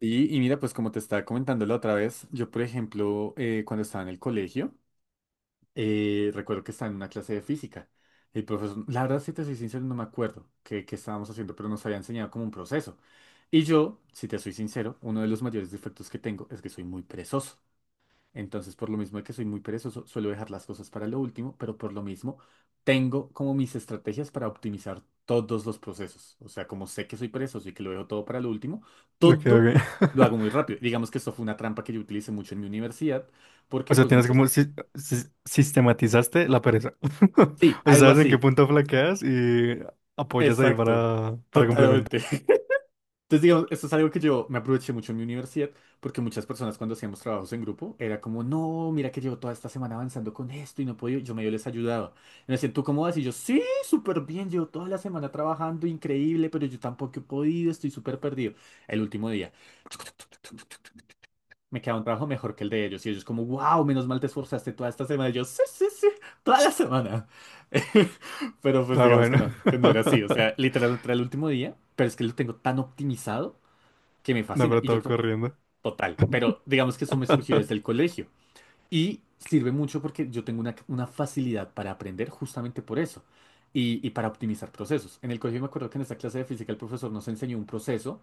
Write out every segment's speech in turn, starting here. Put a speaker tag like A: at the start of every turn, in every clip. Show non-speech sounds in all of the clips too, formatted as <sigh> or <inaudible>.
A: Y mira, pues como te estaba comentando la otra vez, yo por ejemplo, cuando estaba en el colegio, recuerdo que estaba en una clase de física. El profesor, la verdad, si te soy sincero, no me acuerdo qué estábamos haciendo, pero nos había enseñado como un proceso. Y yo, si te soy sincero, uno de los mayores defectos que tengo es que soy muy perezoso. Entonces, por lo mismo de que soy muy perezoso, suelo dejar las cosas para lo último, pero por lo mismo tengo como mis estrategias para optimizar todos los procesos. O sea, como sé que soy perezoso y que lo dejo todo para lo último,
B: Ok,
A: todo lo
B: ok.
A: hago muy
B: <laughs>
A: rápido. Digamos que esto fue una trampa que yo utilicé mucho en mi universidad,
B: O
A: porque
B: sea,
A: pues
B: tienes
A: muchas.
B: como sistematizaste la pereza. <laughs>
A: Sí,
B: O sea,
A: algo
B: sabes en qué
A: así.
B: punto flaqueas y apoyas ahí
A: Exacto.
B: para complementar.
A: Totalmente. <laughs> Entonces, digamos, esto es algo que yo me aproveché mucho en mi universidad, porque muchas personas cuando hacíamos trabajos en grupo, era como, no, mira que llevo toda esta semana avanzando con esto y no puedo, yo medio les ayudaba. Y me decían, ¿tú cómo vas? Y yo, sí, súper bien, llevo toda la semana trabajando, increíble, pero yo tampoco he podido, estoy súper perdido. El último día, me queda un trabajo mejor que el de ellos. Y ellos como, wow, menos mal te esforzaste toda esta semana. Y yo, sí, sí, sí, toda la semana. <laughs> Pero pues
B: Ah,
A: digamos
B: bueno.
A: que no era así. O sea,
B: <laughs>
A: literal, era el último día, pero es que lo tengo tan optimizado que me
B: No,
A: fascina.
B: pero
A: Y yo
B: todo
A: creo,
B: corriendo.
A: total, pero digamos que eso me surgió desde el
B: <laughs>
A: colegio. Y sirve mucho porque yo tengo una facilidad para aprender justamente por eso y para optimizar procesos. En el colegio me acuerdo que en esa clase de física el profesor nos enseñó un proceso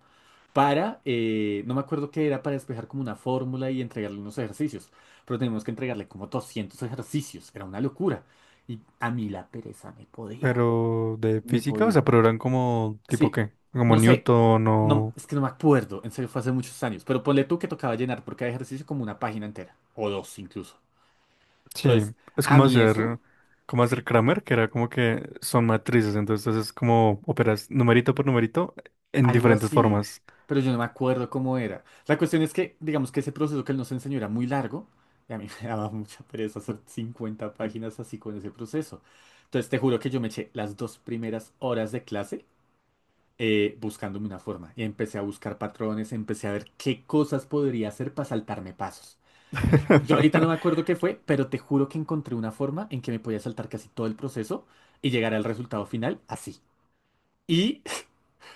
A: para, no me acuerdo qué era, para despejar como una fórmula y entregarle unos ejercicios, pero teníamos que entregarle como 200 ejercicios, era una locura. Y a mí la pereza me podía,
B: Pero de
A: me
B: física, o
A: podía.
B: sea, pero eran como tipo
A: Sí,
B: qué, como
A: no sé,
B: Newton
A: no,
B: o
A: es que no me acuerdo, en serio fue hace muchos años, pero ponle tú que tocaba llenar por cada ejercicio como una página entera, o dos incluso.
B: sí,
A: Entonces,
B: es
A: a
B: como
A: mí
B: hacer,
A: eso,
B: como hacer
A: sí,
B: Kramer, que era como que son matrices, entonces es como operas numerito por numerito en
A: algo
B: diferentes
A: así,
B: formas.
A: pero yo no me acuerdo cómo era. La cuestión es que, digamos que ese proceso que él nos enseñó era muy largo, y a mí <laughs> me daba mucha pereza hacer 50 páginas así con ese proceso. Entonces, te juro que yo me eché las 2 primeras horas de clase buscándome una forma, y empecé a buscar patrones, empecé a ver qué cosas podría hacer para saltarme pasos. Yo ahorita no me
B: <laughs>
A: acuerdo qué fue, pero te juro que encontré una forma en que me podía saltar casi todo el proceso y llegar al resultado final así. Y <laughs>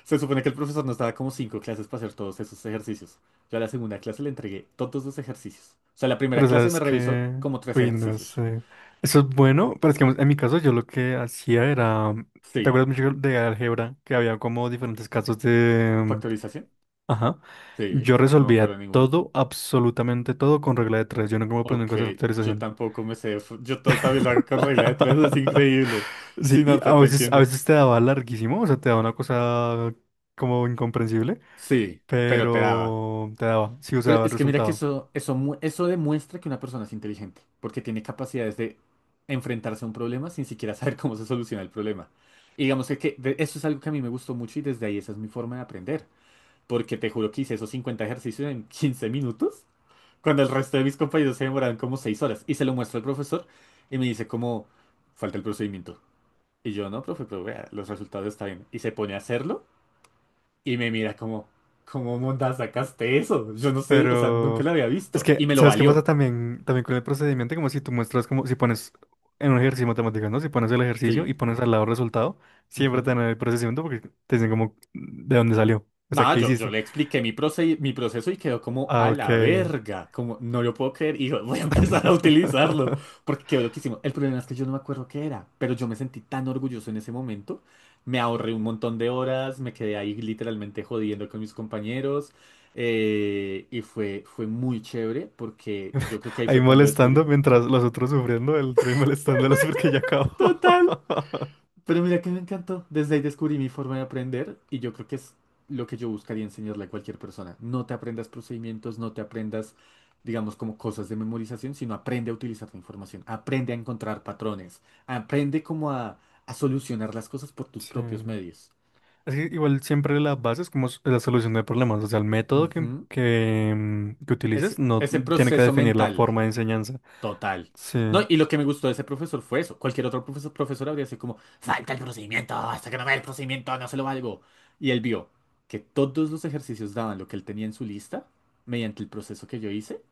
A: se supone que el profesor nos daba como 5 clases para hacer todos esos ejercicios. Yo a la 2.ª clase le entregué todos los ejercicios. O sea, la primera
B: Pero
A: clase me
B: sabes
A: revisó
B: que,
A: como tres
B: uy, no
A: ejercicios.
B: sé. Eso es bueno, pero es que en mi caso yo lo que hacía era, ¿te
A: Sí.
B: acuerdas mucho de álgebra? Que había como diferentes casos de...
A: ¿Factorización?
B: Ajá.
A: Sí.
B: Yo
A: No me acuerdo
B: resolvía
A: de ninguno.
B: todo, absolutamente todo con regla de tres. Yo no como aprendí
A: Ok,
B: cosas de
A: yo
B: factorización.
A: tampoco me sé. Yo todo también lo hago con regla de tres, es
B: <laughs>
A: increíble.
B: Sí,
A: Sí,
B: y
A: no, te
B: a
A: entiendo.
B: veces te daba larguísimo, o sea, te daba una cosa como incomprensible,
A: Sí, pero te daba.
B: pero te daba, sí, o sea,
A: Pero
B: daba el
A: es que mira que
B: resultado.
A: eso demuestra que una persona es inteligente, porque tiene capacidades de enfrentarse a un problema sin siquiera <laughs> saber cómo se soluciona el problema. Y digamos que eso es algo que a mí me gustó mucho y desde ahí esa es mi forma de aprender, porque te juro que hice esos 50 ejercicios en 15 minutos, cuando el resto de mis compañeros se demoraron como 6 horas. Y se lo muestro al profesor y me dice como, falta el procedimiento. Y yo, no, profe, pero vea, los resultados están bien. Y se pone a hacerlo. Y me mira como, ¿cómo monda sacaste eso? Yo no sé, o sea, nunca
B: Pero
A: lo había
B: es
A: visto. Y
B: que,
A: me lo
B: ¿sabes qué pasa
A: valió.
B: también, también con el procedimiento? Como si tú muestras, como si pones en un ejercicio matemático, ¿no? Si pones el ejercicio y
A: Sí.
B: pones al lado el resultado, siempre te
A: Ujú.
B: dan el procedimiento porque te dicen como de dónde salió. O sea,
A: Nada,
B: ¿qué
A: yo
B: hiciste?
A: le expliqué mi proceso y quedó como
B: Ah,
A: a
B: ok.
A: la verga, como no lo puedo creer y yo voy a empezar a utilizarlo
B: <laughs>
A: porque quedó loquísimo. El problema es que yo no me acuerdo qué era, pero yo me sentí tan orgulloso en ese momento, me ahorré un montón de horas, me quedé ahí literalmente jodiendo con mis compañeros y fue muy chévere porque yo creo que ahí
B: Ahí
A: fue cuando descubrí.
B: molestando mientras los otros sufriendo, el otro ahí molestándolos porque ya acabó.
A: Total.
B: <laughs>
A: Pero mira que me encantó. Desde ahí descubrí mi forma de aprender y yo creo que es lo que yo buscaría enseñarle a cualquier persona. No te aprendas procedimientos, no te aprendas, digamos, como cosas de memorización, sino aprende a utilizar la información, aprende a encontrar patrones, aprende como a solucionar las cosas por tus propios
B: Sí.
A: medios.
B: Es que igual siempre la base es como la solución de problemas, o sea, el método
A: Ujú.
B: que utilices
A: Es-
B: no
A: ese
B: tiene que
A: proceso
B: definir la
A: mental.
B: forma de enseñanza.
A: Total.
B: Sí,
A: No, y lo que me gustó de ese profesor fue eso. Cualquier otro profesor habría sido como, falta el procedimiento, hasta que no vea el procedimiento, no se lo valgo. Y él vio que todos los ejercicios daban lo que él tenía en su lista mediante el proceso que yo hice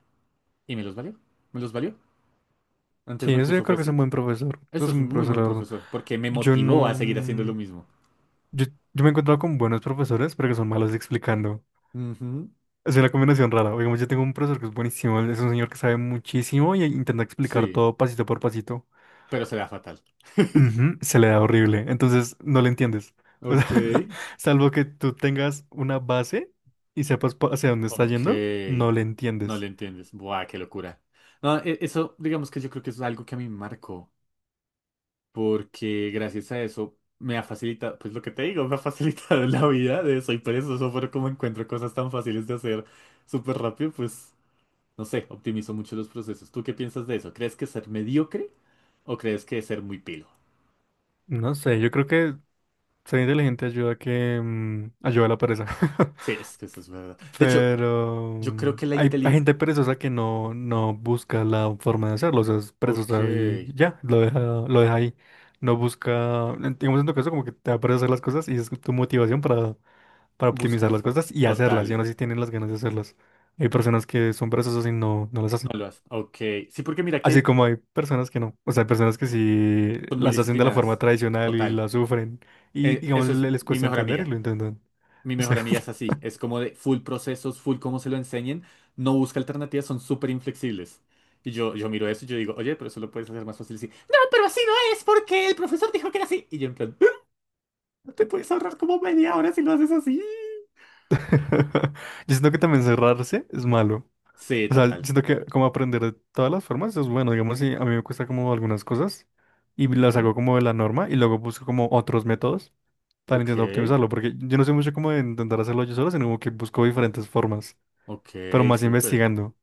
A: y me los valió. Me los valió. Antes
B: sí,
A: me
B: eso yo
A: puso
B: creo
A: fue
B: que es un
A: 5.
B: buen profesor, es
A: Eso es
B: un
A: un
B: buen
A: muy
B: profesor,
A: buen
B: la verdad.
A: profesor porque me
B: Yo
A: motivó a seguir haciendo
B: no,
A: lo mismo.
B: yo, yo me he encontrado con buenos profesores, pero que son malos explicando.
A: Ujú.
B: Es una combinación rara. Digamos, yo tengo un profesor que es buenísimo, es un señor que sabe muchísimo y intenta explicar
A: Sí,
B: todo pasito por pasito.
A: pero será fatal.
B: Ujú, se le da horrible, entonces no le entiendes. O sea,
A: Ok.
B: <laughs> salvo que tú tengas una base y sepas hacia dónde está
A: Ok.
B: yendo, no le
A: No
B: entiendes.
A: le entiendes. Buah, qué locura. No, eso, digamos que yo creo que es algo que a mí me marcó. Porque gracias a eso me ha facilitado, pues lo que te digo, <laughs> me ha facilitado <laughs> la vida de soy perezoso, pero como encuentro cosas tan fáciles de hacer súper rápido, pues no sé, optimizo mucho los procesos. ¿Tú qué piensas de eso? ¿Crees que ser mediocre o crees que ser muy pilo?
B: No sé, yo creo que ser inteligente ayuda a que ayuda a la pereza. <laughs>
A: Sí, es que eso es verdad. De hecho,
B: Pero
A: yo creo que la
B: hay
A: inteligencia.
B: gente perezosa que no, no busca la forma de hacerlo, o sea, es
A: Ok,
B: perezosa y ya, lo deja ahí. No busca, digamos en tu caso, como que te da pereza hacer las cosas y es tu motivación para optimizar
A: buscar
B: las
A: forma.
B: cosas y hacerlas. Y aún
A: Total,
B: así tienen las ganas de hacerlas. Hay personas que son perezosas y no, no las
A: no
B: hacen.
A: lo haces. Ok, sí, porque mira
B: Así
A: que
B: como hay personas que no. O sea, hay personas que sí
A: son muy
B: las hacen de la forma
A: disciplinadas.
B: tradicional y
A: Total.
B: las sufren. Y
A: Eh,
B: digamos,
A: eso es
B: les
A: mi
B: cuesta
A: mejor
B: entender y
A: amiga.
B: lo intentan.
A: Mi
B: O sea,
A: mejor amiga es
B: <laughs>
A: así, es como de full procesos, full cómo se lo enseñen, no busca alternativas, son súper inflexibles. Y yo miro eso y yo digo, oye, pero eso lo puedes hacer más fácil así. No, pero así no es, porque el profesor dijo que era así. Y yo en plan, "Ah, te puedes ahorrar como 1/2 hora si lo haces así".
B: yo siento que también cerrarse es malo.
A: Sí,
B: O sea,
A: total.
B: siento que como aprender de todas las formas es bueno. Digamos, si a mí me cuesta como algunas cosas y las
A: Ujú.
B: hago como de la norma y luego busco como otros métodos para
A: Ok,
B: intentar optimizarlo, porque yo no sé mucho cómo de intentar hacerlo yo solo, sino como que busco diferentes formas,
A: ok,
B: pero más
A: súper.
B: investigando.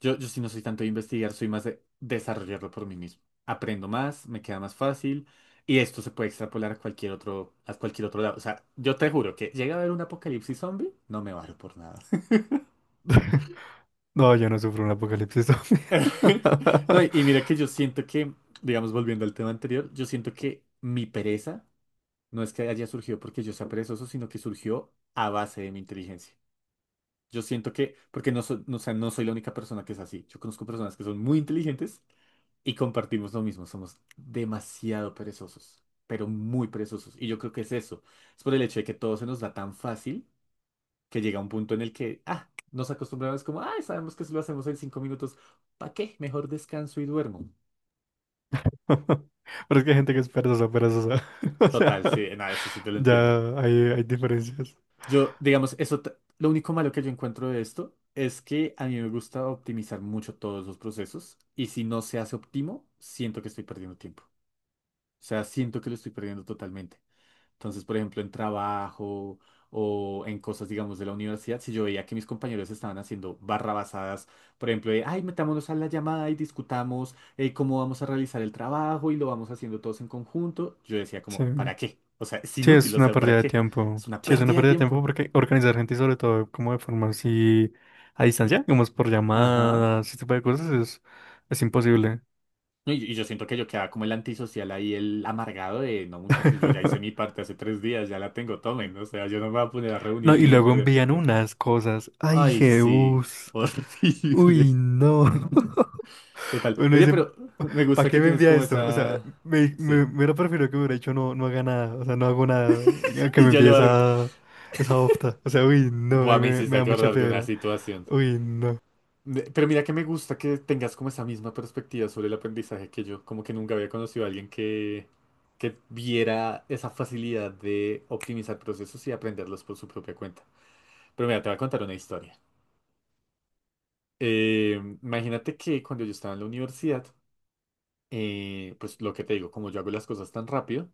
A: Yo sí no soy tanto de investigar, soy más de desarrollarlo por mí mismo. Aprendo más, me queda más fácil y esto se puede extrapolar a cualquier otro lado. O sea, yo te juro que llega a haber un apocalipsis zombie, no me varo por nada.
B: <laughs> No, yo no sufro un apocalipsis zombie. <laughs>
A: <laughs> No, y mira que yo siento que, digamos, volviendo al tema anterior, yo siento que mi pereza no es que haya surgido porque yo sea perezoso, sino que surgió a base de mi inteligencia. Yo siento que, porque no, no, o sea, no soy la única persona que es así. Yo conozco personas que son muy inteligentes y compartimos lo mismo, somos demasiado perezosos, pero muy perezosos. Y yo creo que es eso. Es por el hecho de que todo se nos da tan fácil que llega un punto en el que, ah, nos acostumbramos como, ah, sabemos que si lo hacemos en 5 minutos, ¿para qué? Mejor descanso y duermo.
B: Pero es que hay gente que es perezosa, perezosa. <laughs> O sea,
A: Total, sí, nada, eso sí te lo entiendo.
B: ya hay diferencias.
A: Yo, digamos, eso, lo único malo que yo encuentro de esto es que a mí me gusta optimizar mucho todos los procesos y si no se hace óptimo, siento que estoy perdiendo tiempo. O sea, siento que lo estoy perdiendo totalmente. Entonces, por ejemplo, en trabajo o en cosas, digamos, de la universidad, si yo veía que mis compañeros estaban haciendo barrabasadas, por ejemplo, de, ay, metámonos a la llamada y discutamos cómo vamos a realizar el trabajo y lo vamos haciendo todos en conjunto, yo decía como,
B: Sí.
A: ¿para qué? O sea, es
B: Sí,
A: inútil,
B: es
A: o
B: una
A: sea,
B: pérdida
A: ¿para
B: de
A: qué? Es
B: tiempo.
A: una
B: Sí, es una
A: pérdida de
B: pérdida de tiempo
A: tiempo.
B: porque organizar gente y sobre todo como de forma así a distancia, como es por
A: Ajá.
B: llamadas, ese tipo de cosas, es imposible.
A: No, y yo siento que yo quedaba como el antisocial ahí, el amargado de, no, muchachos, yo ya hice mi
B: <laughs>
A: parte hace 3 días, ya la tengo, tomen, o sea, yo no me voy a poner a
B: No, y
A: reunirme y
B: luego
A: perder
B: envían
A: tiempo.
B: unas cosas. ¡Ay,
A: Ay, sí, <laughs>
B: Jebus!
A: horrible.
B: ¡Uy, no! <laughs>
A: Total.
B: Uno
A: Oye,
B: dice,
A: pero me
B: ¿para
A: gusta
B: qué
A: que
B: me
A: tienes
B: envía
A: como
B: esto? O sea,
A: esa.
B: me, me,
A: Sí.
B: me hubiera preferido que hubiera hecho no, no haga nada. O sea, no hago nada. A que
A: Y
B: me
A: ya
B: envíe
A: lo hago.
B: esa, esa opta. O sea, uy, no, ahí
A: Buah, me
B: me,
A: hiciste
B: me da mucha
A: acordar de una
B: piedra.
A: situación.
B: Uy, no.
A: Pero mira que me gusta que tengas como esa misma perspectiva sobre el aprendizaje que yo. Como que nunca había conocido a alguien que viera esa facilidad de optimizar procesos y aprenderlos por su propia cuenta. Pero mira, te voy a contar una historia. Imagínate que cuando yo estaba en la universidad, pues lo que te digo, como yo hago las cosas tan rápido,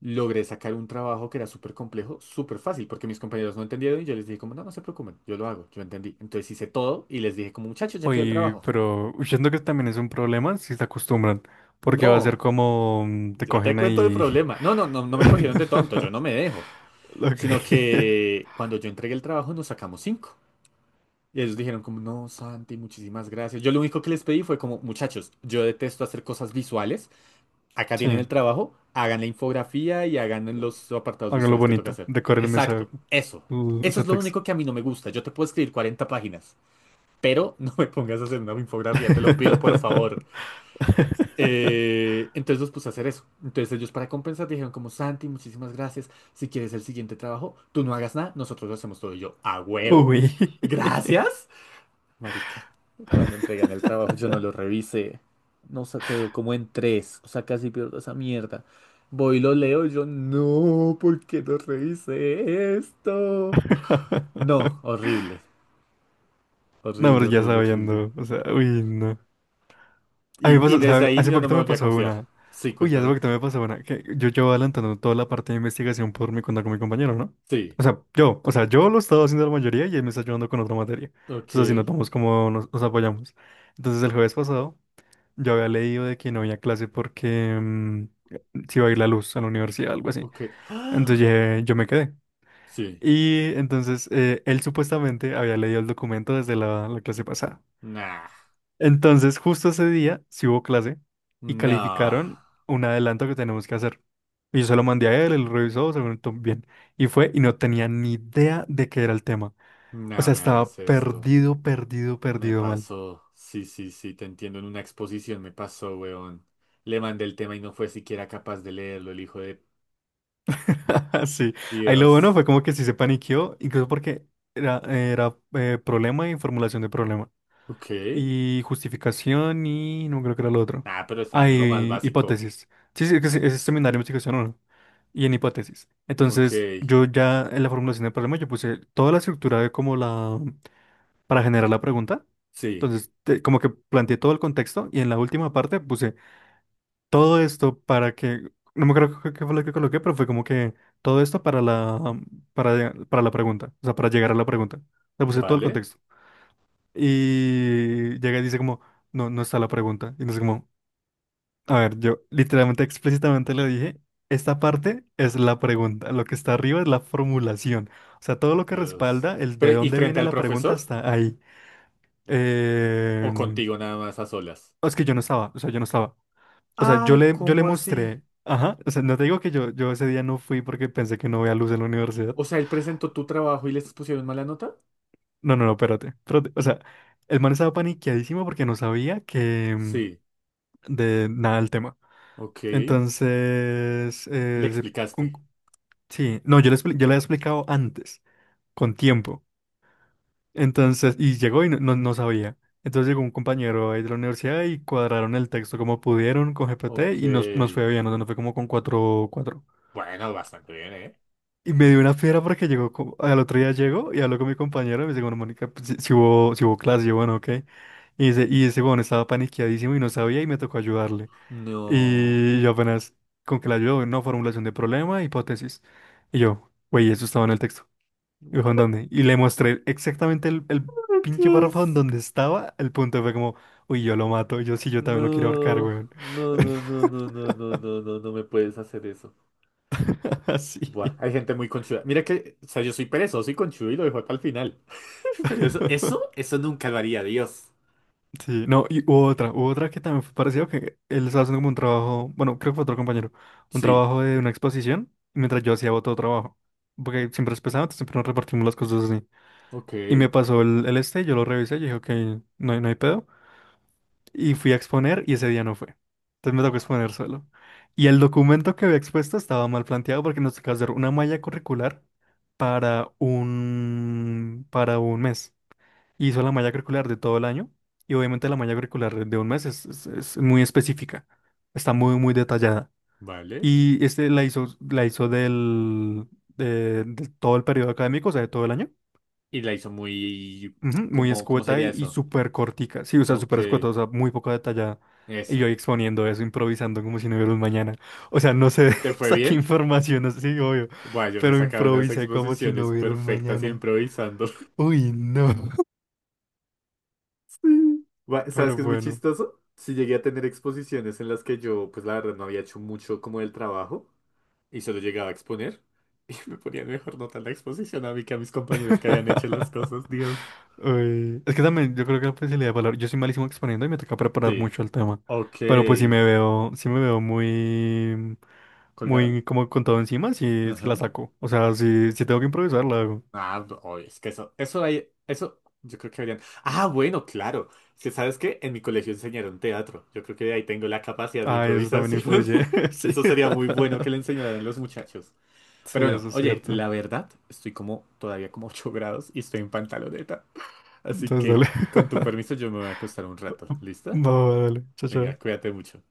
A: logré sacar un trabajo que era súper complejo, súper fácil, porque mis compañeros no entendieron y yo les dije como, no, no se preocupen, yo lo hago, yo entendí. Entonces hice todo y les dije como, muchachos, ya quedó el
B: Uy,
A: trabajo.
B: pero siento que también es un problema si se acostumbran. Porque va a ser
A: No,
B: como te
A: ya te
B: cogen
A: cuento el
B: ahí.
A: problema. No, no, no, no me cogieron de tonto, yo no me
B: <laughs>
A: dejo.
B: Ok.
A: Sino
B: <laughs>
A: que cuando yo entregué el trabajo nos sacamos 5. Y ellos dijeron como, no, Santi, muchísimas gracias. Yo lo único que les pedí fue como, muchachos, yo detesto hacer cosas visuales. Acá tienen
B: Sí,
A: el trabajo, hagan la infografía y hagan los apartados
B: háganlo
A: visuales que toca
B: bonito.
A: hacer.
B: Decórenme
A: Exacto, eso. Eso
B: ese
A: es lo
B: texto.
A: único que a mí no me gusta. Yo te puedo escribir 40 páginas, pero <laughs> no me pongas a hacer una infografía, te lo pido por favor.
B: <laughs>
A: Entonces los puse a hacer eso. Entonces ellos para compensar dijeron como Santi, muchísimas gracias. Si quieres el siguiente trabajo, tú no hagas nada, nosotros lo hacemos todo. Y yo, ¿a huevo?
B: Uy.
A: Gracias. Marica, cuando entregan el trabajo yo no lo revisé. No se quedó como en 3. O sea, casi pierdo esa mierda. Voy y lo leo, yo no, ¿por qué no revisé esto? No, horrible.
B: No, pero
A: Horrible,
B: ya
A: horrible, horrible.
B: sabiendo. O sea, uy, no. A mí me
A: Y
B: pasó,
A: desde
B: ¿sabes?
A: ahí
B: Hace
A: yo no
B: poquito
A: me
B: me
A: volví a
B: pasó
A: confiar.
B: una.
A: Sí,
B: Uy, hace
A: cuéntame.
B: poquito me pasó una. Que yo llevo adelantando toda la parte de investigación por mi cuenta con mi compañero, ¿no?
A: Sí.
B: O sea, yo lo he estado haciendo la mayoría y él me está ayudando con otra materia.
A: Ok.
B: Entonces, así notamos cómo nos apoyamos. Entonces, el jueves pasado, yo había leído de que no había clase porque se iba a ir la luz a la universidad, algo así.
A: Ok.
B: Entonces
A: ¡Ah!
B: yo me quedé.
A: Sí.
B: Y entonces él supuestamente había leído el documento desde la clase pasada.
A: Nah.
B: Entonces justo ese día sí hubo clase y
A: No.
B: calificaron un adelanto que tenemos que hacer. Y yo se lo mandé a él, él lo revisó, se lo notó bien. Y fue y no tenía ni idea de qué era el tema. O
A: No
B: sea,
A: me
B: estaba
A: hagas esto.
B: perdido, perdido,
A: Me
B: perdido mal.
A: pasó, sí, sí, sí, te entiendo. En una exposición me pasó, weón. Le mandé el tema y no fue siquiera capaz de leerlo, el hijo de
B: <laughs> Sí, ahí lo bueno
A: Dios.
B: fue como que sí se paniqueó, incluso porque era problema y formulación de problema.
A: Ok.
B: Y justificación y no creo que era lo otro.
A: Ah, pero
B: Ah,
A: estaban en lo más
B: y
A: básico.
B: hipótesis. Sí, sí, que sí, es seminario de investigación uno. Y en hipótesis.
A: Ok,
B: Entonces, yo ya en la formulación del problema, yo puse toda la estructura de como la... para generar la pregunta.
A: sí,
B: Entonces, como que planteé todo el contexto y en la última parte puse todo esto para que... No me acuerdo qué fue lo que coloqué, pero fue como que todo esto para la... para la pregunta. O sea, para llegar a la pregunta. Le puse todo el
A: vale.
B: contexto. Y llega y dice como, no, no está la pregunta. Y no sé como, a ver, yo literalmente explícitamente le dije, esta parte es la pregunta, lo que está arriba es la formulación. O sea, todo lo que
A: Dios.
B: respalda el de
A: Pero, ¿y
B: dónde
A: frente
B: viene
A: al
B: la pregunta
A: profesor?
B: está ahí.
A: ¿O
B: Em,
A: contigo nada más a solas?
B: es que yo no estaba, o sea, yo no estaba. O sea,
A: Ay,
B: yo le
A: ¿cómo así?
B: mostré, ajá, o sea, no te digo que yo ese día no fui porque pensé que no veía luz en la universidad.
A: O sea, ¿él presentó tu trabajo y les pusieron mala nota?
B: No, no, no, espérate, espérate. O sea, el man estaba paniqueadísimo porque no sabía que
A: Sí,
B: de nada el tema.
A: ok.
B: Entonces,
A: Le explicaste.
B: un- sí, no, yo le había explicado antes, con tiempo. Entonces, y llegó y no, no, no sabía. Entonces llegó un compañero ahí de la universidad y cuadraron el texto como pudieron con GPT
A: Ok.
B: y nos fue bien, o sea, nos fue como con 4 cuatro.
A: Bueno, bastante bien, ¿eh?
B: Y me dio una fiera porque llegó, al otro día llegó y habló con mi compañero y me dice, bueno, Mónica, pues, si hubo clase, yo, bueno, ok. Y dice, y ese, bueno, estaba paniqueadísimo y no sabía y me tocó ayudarle.
A: No.
B: Y yo apenas con que la ayudo, no, formulación de problema, hipótesis. Y yo, güey, eso estaba en el texto. Y dijo, ¿en dónde? Y le mostré exactamente el pinche párrafo en
A: Entonces,
B: donde estaba. El punto y fue como, uy, yo lo mato. Y yo sí, yo también lo quiero ahorcar,
A: no,
B: güey.
A: no, no, no, no, no, no, no, no, no me puedes hacer eso.
B: <laughs> Así.
A: Buah, hay gente muy conchuda. Mira que, o sea, yo soy perezoso y conchudo y lo dejo para el final. <laughs> Pero eso, eso,
B: <laughs>
A: eso nunca lo haría, Dios.
B: Sí, no, y hubo otra que también fue parecido que él estaba haciendo como un trabajo, bueno, creo que fue otro compañero, un
A: Sí,
B: trabajo de una exposición, mientras yo hacía otro trabajo. Porque siempre es pesado, entonces siempre nos repartimos las cosas así.
A: ok.
B: Y me pasó el este, yo lo revisé, yo dije, ok, no hay pedo. Y fui a exponer y ese día no fue. Entonces me tocó
A: No,
B: exponer solo. Y el documento que había expuesto estaba mal planteado porque nos tocaba hacer una malla curricular para un mes. Hizo la malla curricular de todo el año y obviamente la malla curricular de un mes es muy específica, está muy, muy detallada.
A: vale.
B: Y este la hizo de todo el periodo académico, o sea, de todo el año.
A: Y la hizo muy...
B: Ujú, muy
A: ¿Cómo
B: escueta y,
A: sería
B: y
A: eso?
B: súper cortica. Sí, o sea, súper
A: Ok,
B: escueta, o sea, muy poco detallada. Y yo
A: eso.
B: ahí exponiendo eso, improvisando como si no hubiera un mañana. O sea, no sé,
A: ¿Te
B: <laughs>
A: fue
B: saqué
A: bien?
B: información, no sé si obvio,
A: Buah, yo me he
B: pero
A: sacado unas
B: improvisé como si no
A: exposiciones
B: hubiera un
A: perfectas
B: mañana.
A: improvisando.
B: Uy, no.
A: Gua-
B: <laughs>
A: ¿Sabes
B: Pero
A: qué es muy
B: bueno.
A: chistoso? Si llegué a tener exposiciones en las que yo, pues la verdad, no había hecho mucho como del trabajo y solo llegaba a exponer <laughs> y me ponían mejor nota en la exposición a mí que a mis compañeros que habían hecho las
B: <laughs>
A: cosas, Dios.
B: Uy, es que también yo creo que la facilidad de palabra. Yo soy malísimo exponiendo y me toca preparar
A: Sí.
B: mucho el tema.
A: Ok.
B: Pero pues si me veo, si me veo muy,
A: ¿Colgado?
B: muy como con todo encima, si es que la
A: Ajá.
B: saco. O sea, si tengo que improvisar, la hago.
A: Ah, no, oye, es que eso hay, eso yo creo que habrían. Ah, bueno, claro. Es que sabes que en mi colegio enseñaron teatro. Yo creo que de ahí tengo la capacidad de
B: Ay, eso también
A: improvisación.
B: influye.
A: <laughs>
B: <laughs> Sí.
A: Eso sería muy
B: <laughs>
A: bueno que le enseñaran a los muchachos.
B: Sí,
A: Pero bueno,
B: eso es
A: oye,
B: cierto.
A: la verdad, estoy como todavía como 8 grados y estoy en pantaloneta. Así
B: Entonces, dale.
A: que, con tu
B: <laughs>
A: permiso, yo me voy a acostar un rato. ¿Lista?
B: Va, va, dale. Chao,
A: Venga,
B: chao.
A: cuídate mucho.